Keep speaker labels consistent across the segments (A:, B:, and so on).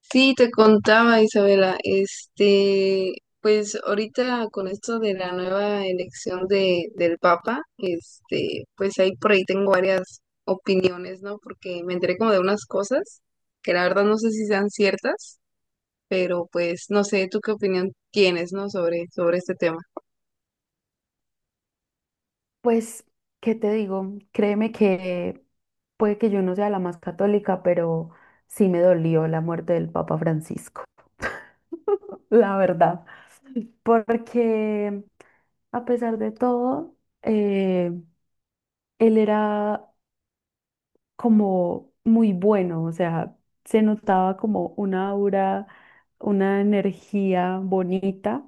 A: Sí, te contaba Isabela, pues ahorita con esto de la nueva elección del Papa, pues ahí por ahí tengo varias opiniones, ¿no? Porque me enteré como de unas cosas que la verdad no sé si sean ciertas, pero pues no sé, ¿tú qué opinión tienes, ¿no? Sobre este tema.
B: Pues, ¿qué te digo? Créeme que puede que yo no sea la más católica, pero sí me dolió la muerte del Papa Francisco, la verdad. Porque a pesar de todo, eh, él era como muy bueno, o sea, se notaba como una aura, una energía bonita.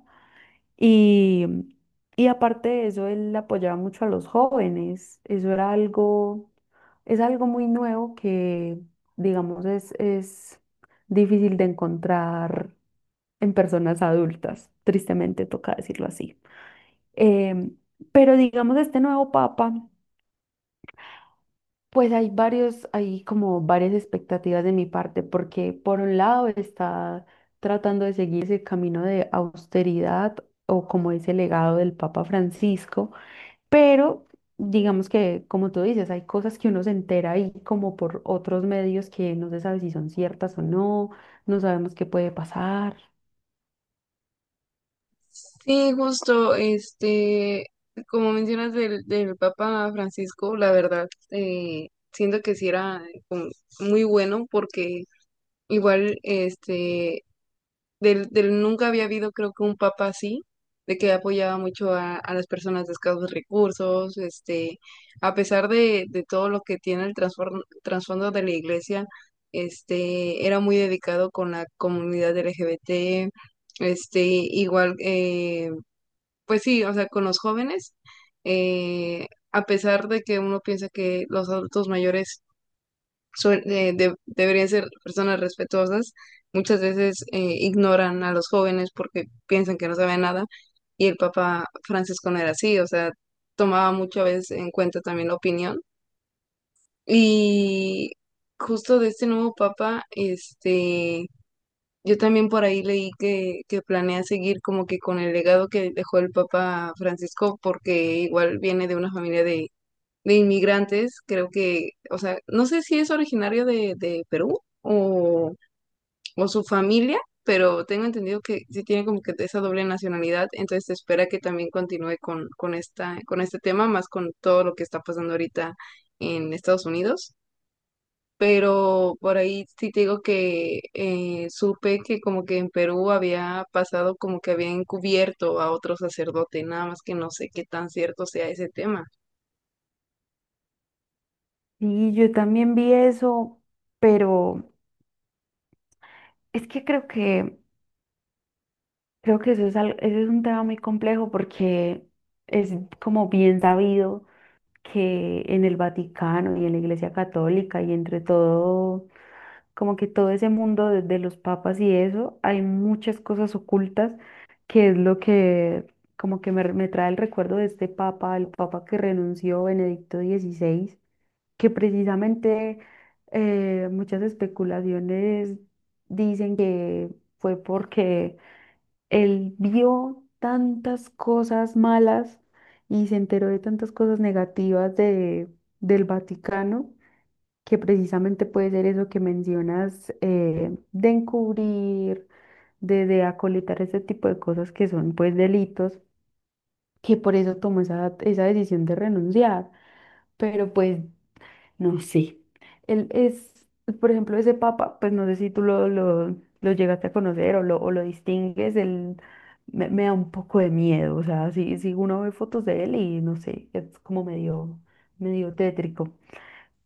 B: Y, y aparte de eso, él apoyaba mucho a los jóvenes. Eso era algo, es algo muy nuevo que, digamos, es difícil de encontrar en personas adultas. Tristemente toca decirlo así. Em, pero digamos, este nuevo papa, pues hay varios, hay como varias expectativas de mi parte, porque por un lado está tratando de seguir ese camino de austeridad o como ese legado del Papa Francisco. Pero digamos que, como tú dices, hay cosas que uno se entera ahí como por otros medios que no se sabe si son ciertas o no, no sabemos qué puede pasar.
A: Sí, justo, como mencionas del Papa Francisco, la verdad, siento que sí era como muy bueno porque igual, del nunca había habido creo que un papa así, de que apoyaba mucho a las personas de escasos recursos, a pesar de todo lo que tiene el trasfondo de la iglesia, este, era muy dedicado con la comunidad LGBT, este, igual, eh, pues sí, o sea, con los jóvenes, a pesar de que uno piensa que los adultos mayores deberían ser personas respetuosas, muchas veces ignoran a los jóvenes porque piensan que no saben nada. Y el Papa Francisco no era así, o sea, tomaba muchas veces en cuenta también la opinión. Y justo de este nuevo Papa, yo también por ahí leí que planea seguir como que con el legado que dejó el Papa Francisco, porque igual viene de una familia de inmigrantes, creo que, o sea, no sé si es originario de Perú o su familia, pero tengo entendido que sí tiene como que esa doble nacionalidad, entonces se espera que también continúe con esta, con este tema, más con todo lo que está pasando ahorita en Estados Unidos. Pero por ahí sí te digo que supe que como que en Perú había pasado como que había encubierto a otro sacerdote, nada más que no sé qué tan cierto sea ese tema.
B: Y yo también vi eso, pero es que creo que eso es eso es un tema muy complejo, porque es como bien sabido que en el Vaticano y en la Iglesia Católica y entre todo, como que todo ese mundo de los papas y eso, hay muchas cosas ocultas, que es lo que como que me trae el recuerdo de este papa, el papa que renunció, Benedicto XVI, que precisamente muchas especulaciones dicen que fue porque él vio tantas cosas malas y se enteró de tantas cosas negativas de, del Vaticano, que precisamente puede ser eso que mencionas, de encubrir, de acolitar ese tipo de cosas que son pues delitos, que por eso tomó esa, esa decisión de renunciar, pero pues no sé, él es, por ejemplo, ese papa, pues no sé si tú lo llegaste a conocer o lo distingues, él me da un poco de miedo, o sea, si uno ve fotos de él y no sé, es como medio, medio tétrico,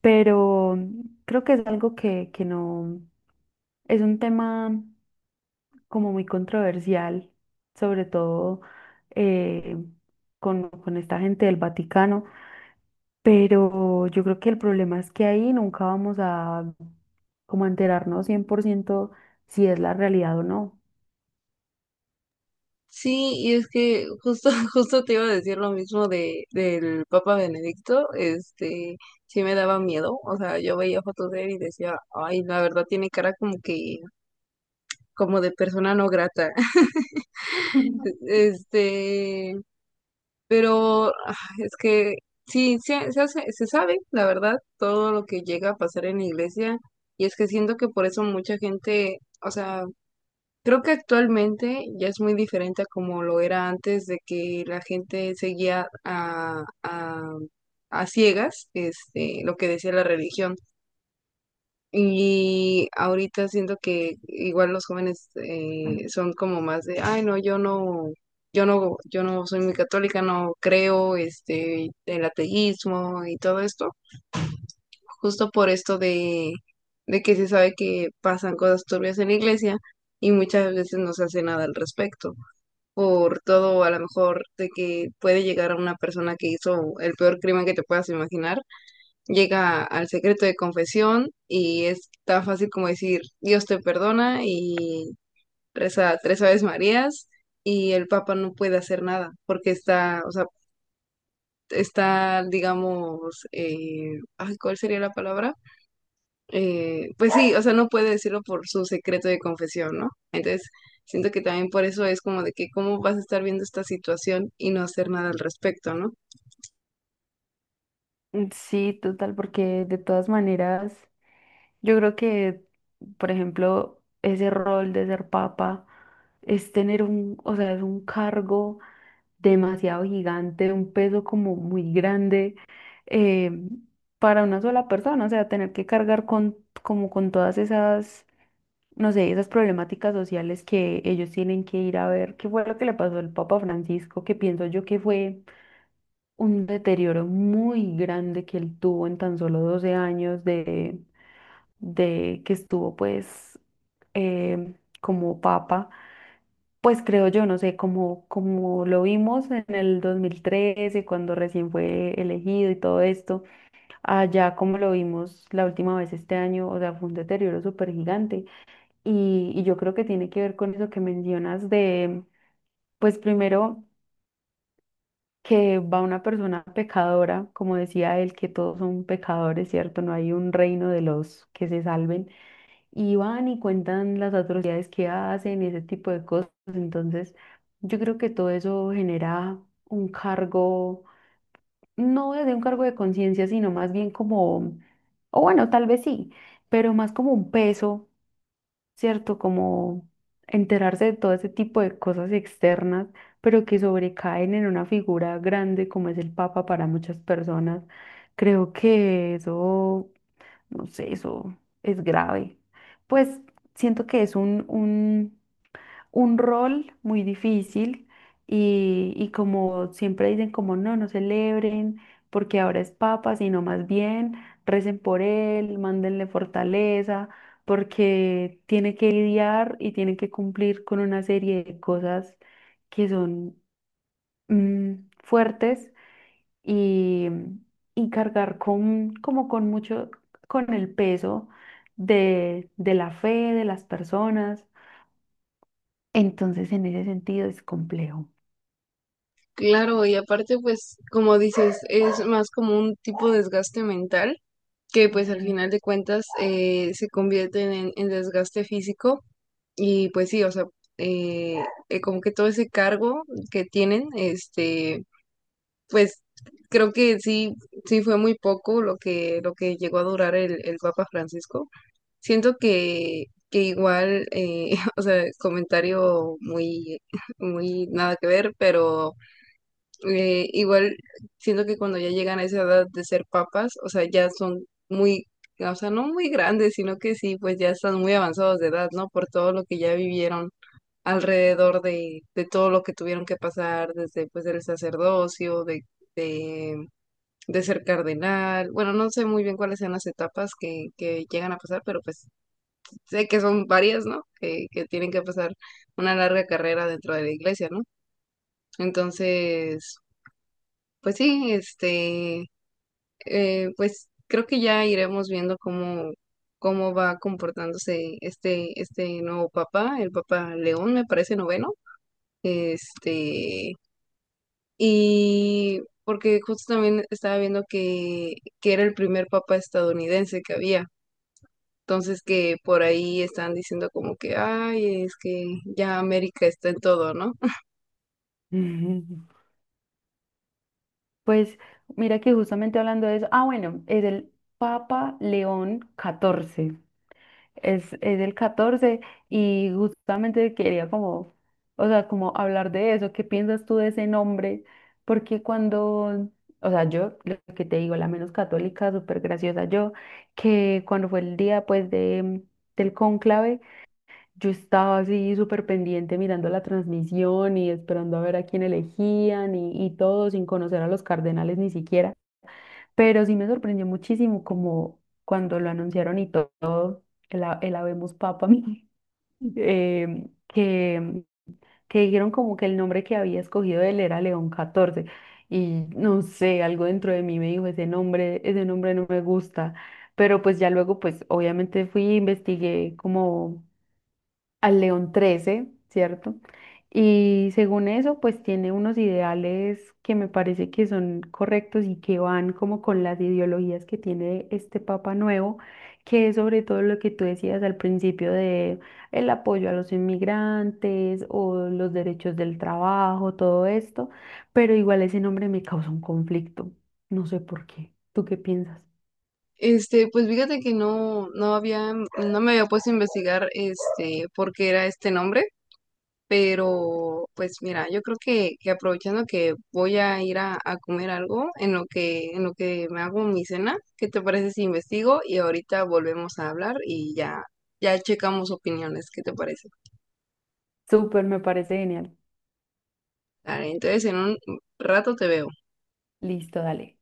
B: pero creo que es algo que no, es un tema como muy controversial, sobre todo eh, con esta gente del Vaticano, pero yo creo que el problema es que ahí nunca vamos a como a enterarnos 100% si es la realidad o no.
A: Sí, y es que justo, justo te iba a decir lo mismo del Papa Benedicto, sí me daba miedo, o sea, yo veía fotos de él y decía, ay, la verdad tiene cara como que, como de persona no grata, este, pero ah, es que sí, se hace, se sabe, la verdad, todo lo que llega a pasar en la iglesia, y es que siento que por eso mucha gente, o sea, creo que actualmente ya es muy diferente a como lo era antes de que la gente seguía a ciegas, lo que decía la religión. Y ahorita siento que igual los jóvenes son como más de, ay, no, yo no soy muy católica, no creo, el ateísmo y todo esto, justo por esto de que se sabe que pasan cosas turbias en la iglesia y muchas veces no se hace nada al respecto por todo a lo mejor de que puede llegar a una persona que hizo el peor crimen que te puedas imaginar, llega al secreto de confesión y es tan fácil como decir Dios te perdona y reza tres Aves Marías y el Papa no puede hacer nada porque está, o sea, está, digamos, ay, ¿cuál sería la palabra? Pues sí, o sea, no puede decirlo por su secreto de confesión, ¿no? Entonces, siento que también por eso es como de que cómo vas a estar viendo esta situación y no hacer nada al respecto, ¿no?
B: Sí, total, porque de todas maneras, yo creo que, por ejemplo, ese rol de ser papa es tener un, o sea, es un cargo demasiado gigante, un peso como muy grande, eh, para una sola persona, o sea, tener que cargar con, como con todas esas, no sé, esas problemáticas sociales que ellos tienen que ir a ver qué fue lo que le pasó al Papa Francisco, que pienso yo que fue un deterioro muy grande que él tuvo en tan solo 12 años de que estuvo pues eh, como papa. Pues creo yo, no sé, como, como lo vimos en el 2013, cuando recién fue elegido y todo esto, allá como lo vimos la última vez este año, o sea, fue un deterioro súper gigante. Y yo creo que tiene que ver con eso que mencionas de, pues primero, que va una persona pecadora, como decía él, que todos son pecadores, ¿cierto? No hay un reino de los que se salven, y van y cuentan las atrocidades que hacen y ese tipo de cosas. Entonces, yo creo que todo eso genera un cargo, no desde un cargo de conciencia, sino más bien como, o bueno, tal vez sí, pero más como un peso, ¿cierto? Como enterarse de todo ese tipo de cosas externas, pero que sobrecaen en una figura grande como es el Papa para muchas personas. Creo que eso, no sé, eso es grave. Pues siento que es un rol muy difícil y como siempre dicen, como no, no celebren porque ahora es papa, sino más bien recen por él, mándenle fortaleza, porque tiene que lidiar y tiene que cumplir con una serie de cosas que son mm, fuertes, y, y cargar con, como con mucho, con el peso de la fe de las personas. Entonces, en ese sentido es complejo.
A: Claro, y aparte, pues, como dices, es más como un tipo de desgaste mental que pues al
B: Ujú.
A: final de cuentas se convierten en desgaste físico y pues sí, o sea, eh, como que todo ese cargo que tienen, pues creo que sí, sí fue muy poco lo que llegó a durar el Papa Francisco. Siento que igual, o sea, comentario muy, muy nada que ver, pero igual siento que cuando ya llegan a esa edad de ser papas, o sea, ya son muy, o sea, no muy grandes, sino que sí, pues ya están muy avanzados de edad, ¿no? Por todo lo que ya vivieron alrededor de todo lo que tuvieron que pasar desde pues el sacerdocio, de de ser cardenal. Bueno, no sé muy bien cuáles sean las etapas que llegan a pasar, pero pues sé que son varias, ¿no? Que tienen que pasar una larga carrera dentro de la iglesia, ¿no? Entonces, pues sí, pues creo que ya iremos viendo cómo, cómo va comportándose este nuevo papa, el papa León, me parece noveno. Este, y porque justo también estaba viendo que era el primer papa estadounidense que había. Entonces que por ahí están diciendo como que, ay, es que ya América está en todo, ¿no?
B: Ujú. Pues mira que justamente hablando de eso, ah, bueno, es el Papa León XIV, es el XIV, y justamente quería como, o sea, como hablar de eso, ¿qué piensas tú de ese nombre? Porque cuando, o sea, yo, lo que te digo, la menos católica, súper graciosa, yo, que cuando fue el día pues de, del cónclave, yo estaba así súper pendiente mirando la transmisión y esperando a ver a quién elegían y todo sin conocer a los cardenales ni siquiera. Pero sí me sorprendió muchísimo como cuando lo anunciaron y todo, el, el Habemus Papam, eh, que, que dijeron como que el nombre que había escogido él era León XIV. Y no sé, algo dentro de mí me dijo, ese nombre no me gusta. Pero pues ya luego, pues obviamente fui, investigué como al León XIII, ¿cierto? Y según eso, pues tiene unos ideales que me parece que son correctos y que van como con las ideologías que tiene este Papa nuevo, que es sobre todo lo que tú decías al principio de el apoyo a los inmigrantes o los derechos del trabajo, todo esto, pero igual ese nombre me causa un conflicto, no sé por qué. ¿Tú qué piensas?
A: Pues fíjate que no, no había, no me había puesto a investigar por qué era este nombre, pero pues mira, yo creo que aprovechando que voy a ir a comer algo en lo que me hago mi cena, ¿qué te parece si investigo? Y ahorita volvemos a hablar y ya, ya checamos opiniones, ¿qué te parece?
B: Súper, me parece genial.
A: Dale, entonces en un rato te veo.
B: Listo, dale.